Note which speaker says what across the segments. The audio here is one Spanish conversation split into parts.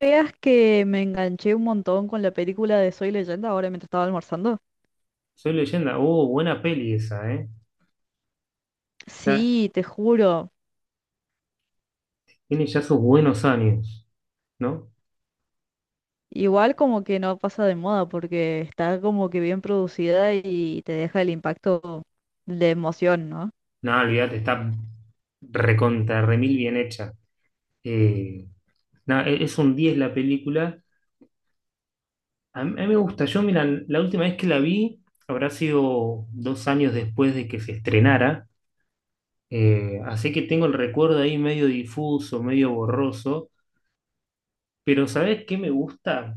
Speaker 1: ¿Veas que me enganché un montón con la película de Soy Leyenda ahora mientras estaba almorzando?
Speaker 2: Soy Leyenda. Oh, buena peli esa, ¿eh? Ya,
Speaker 1: Sí, te juro.
Speaker 2: tiene ya sus buenos años, ¿no?
Speaker 1: Igual como que no pasa de moda porque está como que bien producida y te deja el impacto de emoción, ¿no?
Speaker 2: No, olvídate, está recontra, remil bien hecha. Eh, no, es un 10 la película. A mí me gusta. Yo, mira, la última vez que la vi habrá sido 2 años después de que se estrenara. Así que tengo el recuerdo ahí medio difuso, medio borroso. Pero ¿sabes qué me gusta?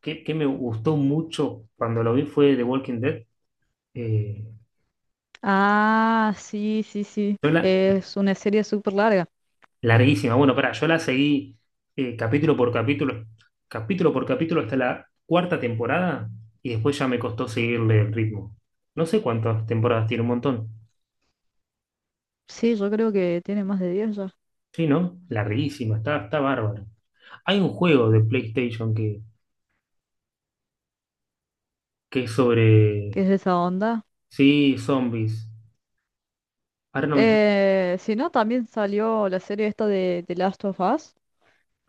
Speaker 2: ¿Qué me gustó mucho cuando lo vi fue The Walking Dead? Eh,
Speaker 1: Ah, sí, sí, sí.
Speaker 2: yo la,
Speaker 1: Es una serie súper larga.
Speaker 2: Larguísima. Bueno, pará, yo la seguí eh, capítulo por capítulo, capítulo por capítulo hasta la cuarta temporada y después ya me costó seguirle el ritmo. No sé cuántas temporadas tiene, un montón.
Speaker 1: Sí, yo creo que tiene más de 10 ya,
Speaker 2: Sí, ¿no? Larguísima, está bárbaro. Hay un juego de PlayStation que es
Speaker 1: que
Speaker 2: sobre,
Speaker 1: es de esa onda.
Speaker 2: sí, zombies. Ahora no me está.
Speaker 1: Si no, también salió la serie esta de The Last of Us,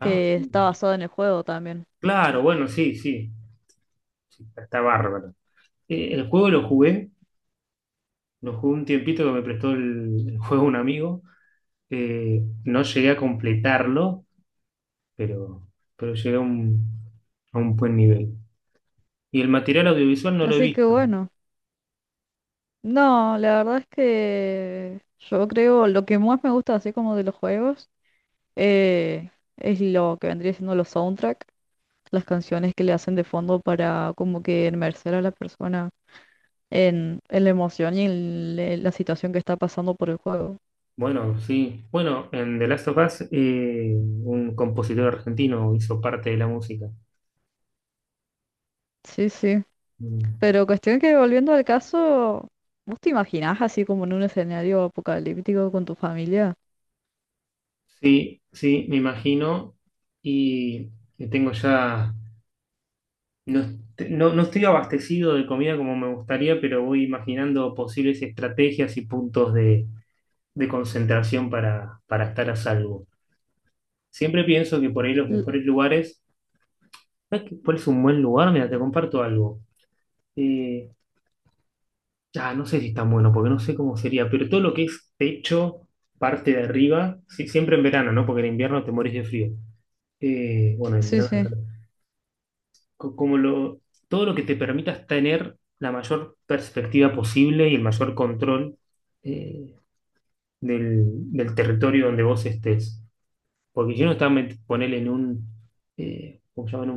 Speaker 2: Ah,
Speaker 1: está basada en el juego también.
Speaker 2: claro, bueno, sí, sí, sí, está bárbaro. El juego lo jugué un tiempito que me prestó el juego un amigo. No llegué a completarlo, pero, pero llegué a un buen nivel. Y el material audiovisual no lo he
Speaker 1: Así que
Speaker 2: visto.
Speaker 1: bueno. No, la verdad es que yo creo lo que más me gusta así como de los juegos eh, es lo que vendría siendo los soundtrack, las canciones que le hacen de fondo para como que inmersar a la persona en la emoción y en la situación que está pasando por el juego.
Speaker 2: Bueno, sí. Bueno, en The Last of Us, un compositor argentino hizo parte de la música.
Speaker 1: Sí, sí.
Speaker 2: Mm.
Speaker 1: Pero cuestión que volviendo al caso, ¿vos te imaginás así como en un escenario apocalíptico con tu familia?
Speaker 2: Sí, sí, me imagino. Y, y tengo ya. No, no, no estoy abastecido de comida como me gustaría, pero voy imaginando posibles estrategias y puntos de concentración para estar a salvo. Siempre pienso que por ahí los
Speaker 1: L-
Speaker 2: mejores lugares. ¿Sabes cuál es un buen lugar? Mira, te comparto algo. Eh, ah, no sé si es tan bueno, porque no sé cómo sería, pero todo lo que es techo, parte de arriba, sí, siempre en verano, ¿no? Porque en invierno te morís de frío. Bueno, en
Speaker 1: sí,
Speaker 2: verano,
Speaker 1: sí.
Speaker 2: claro. Co- Como lo, Todo lo que te permitas tener la mayor perspectiva posible y el mayor control, eh, del, del territorio donde vos estés. Porque si uno está, ponele en un, ¿cómo se llama?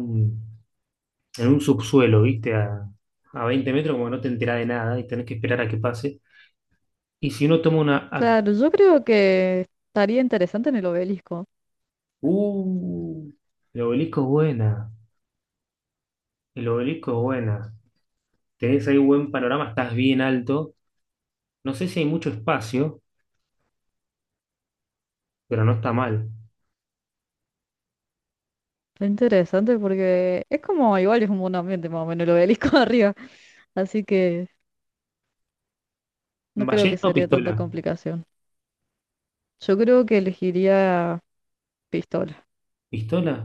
Speaker 2: En un subsuelo, ¿viste? A 20 metros, como no te enterás de nada y tenés que esperar a que pase. Y si uno toma una.
Speaker 1: Claro, yo creo que estaría interesante en el obelisco.
Speaker 2: ¡Uh! El obelisco es buena. El obelisco es buena. Tenés ahí buen panorama, estás bien alto. No sé si hay mucho espacio, pero no está mal.
Speaker 1: Está interesante porque es como igual es como un buen ambiente más o menos el obelisco arriba, así que no creo que
Speaker 2: ¿Ballesta o
Speaker 1: sería
Speaker 2: pistola?
Speaker 1: tanta complicación. Yo creo que elegiría pistola.
Speaker 2: ¿Pistola?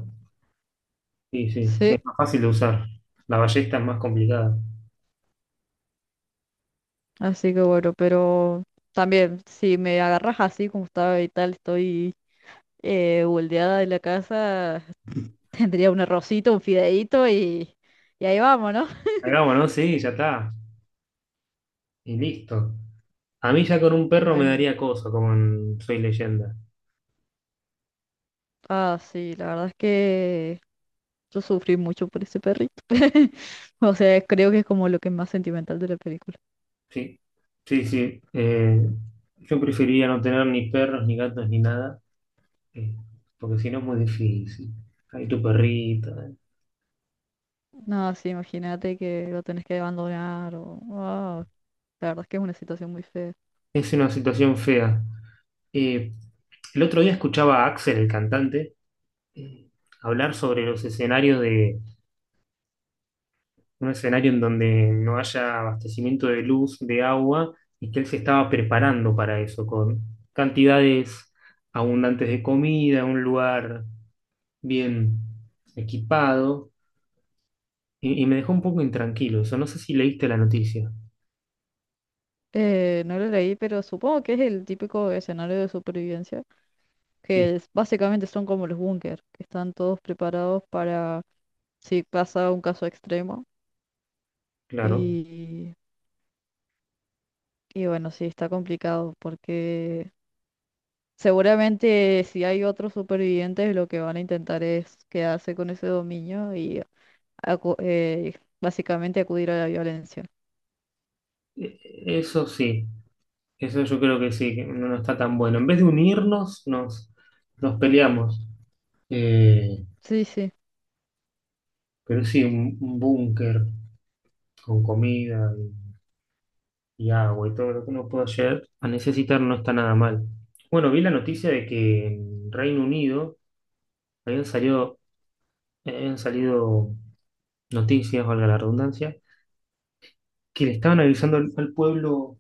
Speaker 2: Sí, sí, sí,
Speaker 1: Sí,
Speaker 2: es más fácil de usar. La ballesta es más complicada.
Speaker 1: así que bueno, pero también si me agarras así como estaba y tal, estoy boldeada de la casa, tendría un arrocito, un fideíto y ahí vamos, ¿no?
Speaker 2: Hagámonos, ¿no? Sí, ya está. Y listo. A mí ya con un
Speaker 1: No
Speaker 2: perro me
Speaker 1: hay mu-
Speaker 2: daría cosa, como en Soy Leyenda.
Speaker 1: Ah, sí, la verdad es que yo sufrí mucho por ese perrito. O sea, creo que es como lo que es más sentimental de la película.
Speaker 2: Sí, sí, sí. Yo preferiría no tener ni perros, ni gatos, ni nada, eh, porque si no es muy difícil. Hay tu perrita.
Speaker 1: No, sí, imagínate que lo tenés que abandonar o wow, la verdad es que es una situación muy fea.
Speaker 2: Es una situación fea. Eh, el otro día escuchaba a Axel, el cantante, eh, hablar sobre los escenarios de un escenario en donde no haya abastecimiento de luz, de agua, y que él se estaba preparando para eso, con cantidades abundantes de comida, un lugar bien equipado. Y me dejó un poco intranquilo eso. No sé si leíste la noticia.
Speaker 1: No lo leí, pero supongo que es el típico escenario de supervivencia,
Speaker 2: Sí,
Speaker 1: básicamente son como los búnker, que están todos preparados para si pasa un caso extremo.
Speaker 2: claro.
Speaker 1: Y, y bueno, sí, está complicado porque seguramente si hay otros supervivientes, lo que van a intentar es quedarse con ese dominio y acu- eh, básicamente acudir a la violencia.
Speaker 2: E- Eso sí, eso yo creo que sí, que no, no está tan bueno. En vez de unirnos, nos peleamos. Eh,
Speaker 1: Sí, sí.
Speaker 2: pero sí, un búnker con comida y agua y todo lo que uno pueda llegar a necesitar no está nada mal. Bueno, vi la noticia de que en Reino Unido habían salido, habían salido noticias, valga la redundancia, que le estaban avisando al pueblo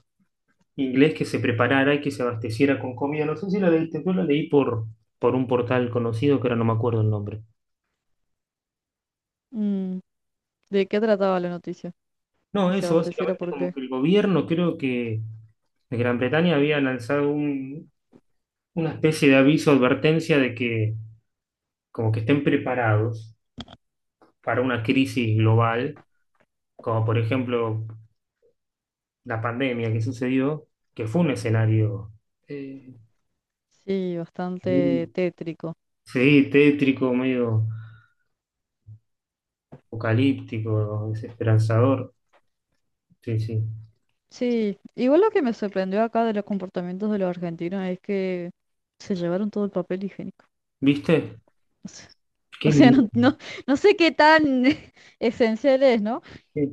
Speaker 2: inglés que se preparara y que se abasteciera con comida. No sé si la leíste, yo la leí por un portal conocido que ahora no me acuerdo el nombre.
Speaker 1: Mm, ¿de qué trataba la noticia?
Speaker 2: No,
Speaker 1: ¿Que se
Speaker 2: eso
Speaker 1: abasteciera
Speaker 2: básicamente
Speaker 1: por
Speaker 2: como
Speaker 1: qué?
Speaker 2: que el gobierno, creo que de Gran Bretaña había lanzado una especie de aviso, advertencia de que como que estén preparados para una crisis global, como por ejemplo la pandemia que sucedió, que fue un escenario eh,
Speaker 1: Sí, bastante
Speaker 2: y-
Speaker 1: tétrico.
Speaker 2: sí, tétrico, medio apocalíptico, desesperanzador. Sí, sí.
Speaker 1: Sí, igual lo que me sorprendió acá de los comportamientos de los argentinos es que se llevaron todo el papel higiénico.
Speaker 2: ¿Viste?
Speaker 1: O
Speaker 2: Qué
Speaker 1: sea,
Speaker 2: miedo.
Speaker 1: no, no, no sé qué tan esencial es, ¿no?
Speaker 2: qué-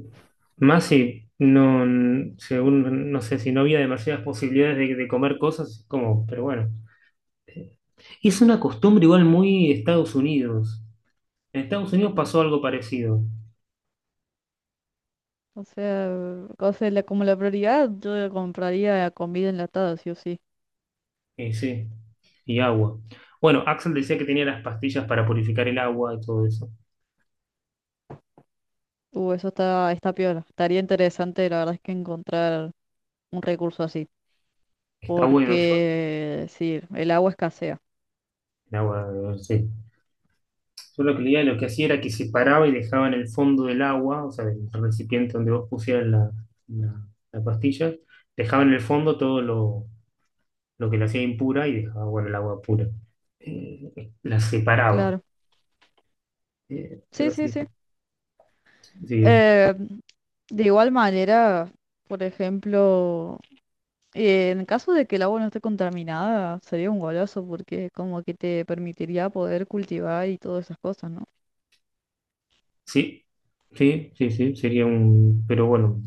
Speaker 2: Más si no, según, no sé, si no había demasiadas posibilidades de comer cosas, como, pero bueno. Es una costumbre igual muy Estados Unidos. En Estados Unidos pasó algo parecido.
Speaker 1: O sea, o sea, como la prioridad, yo compraría comida enlatada, sí o sí.
Speaker 2: Sí, y agua. Bueno, Axel decía que tenía las pastillas para purificar el agua y todo eso.
Speaker 1: Eso está, está piola. Estaría interesante, la verdad es que encontrar un recurso así.
Speaker 2: Está bueno, yo.
Speaker 1: Porque, sí, el agua escasea.
Speaker 2: El agua, sí. Solo que Lía lo que hacía era que separaba y dejaba en el fondo del agua, o sea, del recipiente donde vos pusieras la pastilla, dejaba en el fondo todo lo que la hacía impura y dejaba, bueno, el agua pura. La separaba.
Speaker 1: Claro, sí,
Speaker 2: Pero
Speaker 1: sí,
Speaker 2: sí,
Speaker 1: sí.
Speaker 2: sí,
Speaker 1: Eh, de igual manera, por ejemplo, en caso de que el agua no esté contaminada, sería un golazo porque como que te permitiría poder cultivar y todas esas cosas, ¿no?
Speaker 2: sí, sí, sí, sí, sería un. Pero bueno,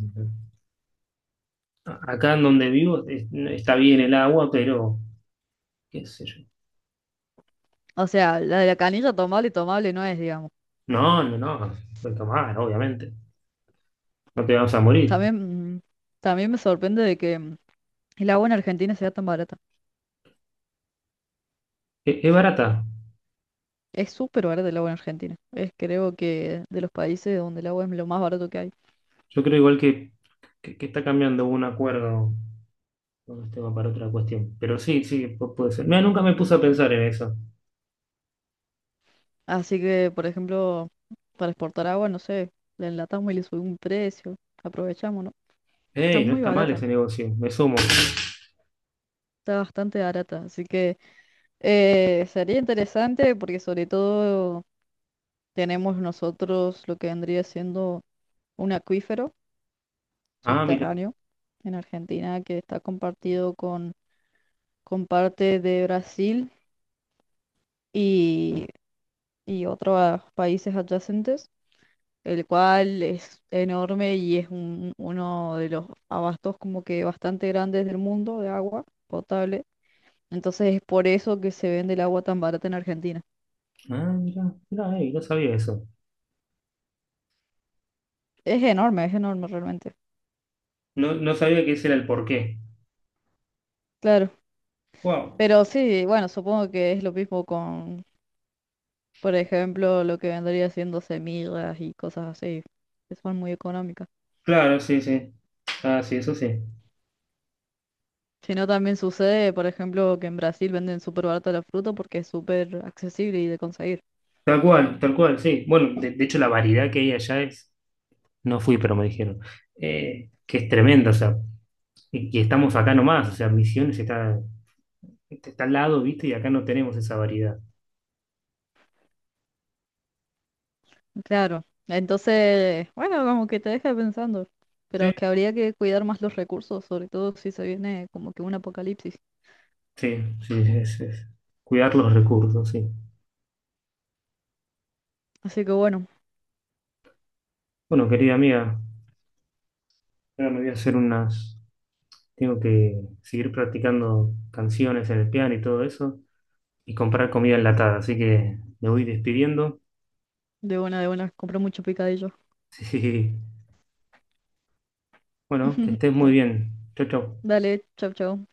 Speaker 2: acá en donde vivo no, está bien el agua, pero qué sé yo.
Speaker 1: O sea, la de la canilla tomable, tomable no es, digamos.
Speaker 2: No, no, no, puedes tomar, obviamente. No te vas a morir.
Speaker 1: También, mm, también me sorprende de que mm, el agua en Argentina sea tan barata.
Speaker 2: Es barata.
Speaker 1: Es súper barata el agua en Argentina. Es creo que de los países donde el agua es lo más barato que hay.
Speaker 2: Yo creo igual que está cambiando un acuerdo con este tema para otra cuestión. Pero sí, sí, puede ser. Mira, nunca me puse a pensar en eso.
Speaker 1: Así que, por ejemplo, para exportar agua, no sé, la enlatamos y le subimos un precio. Aprovechamos, ¿no? Está
Speaker 2: Ey, no
Speaker 1: muy
Speaker 2: está mal
Speaker 1: barata,
Speaker 2: ese negocio, me sumo.
Speaker 1: está bastante barata. Así que sería interesante porque sobre todo tenemos nosotros lo que vendría siendo un acuífero
Speaker 2: Ah, mira,
Speaker 1: subterráneo en Argentina que está compartido con parte de Brasil y, y otros países adyacentes. El cual es enorme y es uno de los abastos como que bastante grandes del mundo de agua potable. Entonces es por eso que se vende el agua tan barata en Argentina.
Speaker 2: ah, mira, mira, ey, no sabía eso.
Speaker 1: Es enorme realmente.
Speaker 2: No, no sabía que ese era el porqué.
Speaker 1: Claro.
Speaker 2: Wow.
Speaker 1: Pero sí, bueno, supongo que es lo mismo con, por ejemplo, lo que vendría siendo semillas y cosas así, que son muy económicas.
Speaker 2: Claro, sí, sí. Ah, sí, eso sí.
Speaker 1: Si no, también sucede, por ejemplo, que en Brasil venden súper barata la fruta porque es súper accesible y de conseguir.
Speaker 2: Tal cual, sí. Bueno, de hecho la variedad que hay allá es, no fui, pero me dijeron, que es tremenda, o sea, y estamos acá nomás, o sea, Misiones está al lado, ¿viste? Y acá no tenemos esa variedad.
Speaker 1: Claro, entonces, bueno, como que te deja pensando,
Speaker 2: Sí,
Speaker 1: pero que habría que cuidar más los recursos, sobre todo si se viene como que un apocalipsis.
Speaker 2: sí, sí, es cuidar los recursos, sí.
Speaker 1: Así que bueno,
Speaker 2: Bueno, querida amiga, ahora me voy a hacer unas, tengo que seguir practicando canciones en el piano y todo eso, y comprar comida enlatada, así que me voy despidiendo.
Speaker 1: de buena, compré mucho picadillo.
Speaker 2: Sí, bueno, que estés muy
Speaker 1: Da-
Speaker 2: bien. Chau, chau.
Speaker 1: Dale, chau, chau.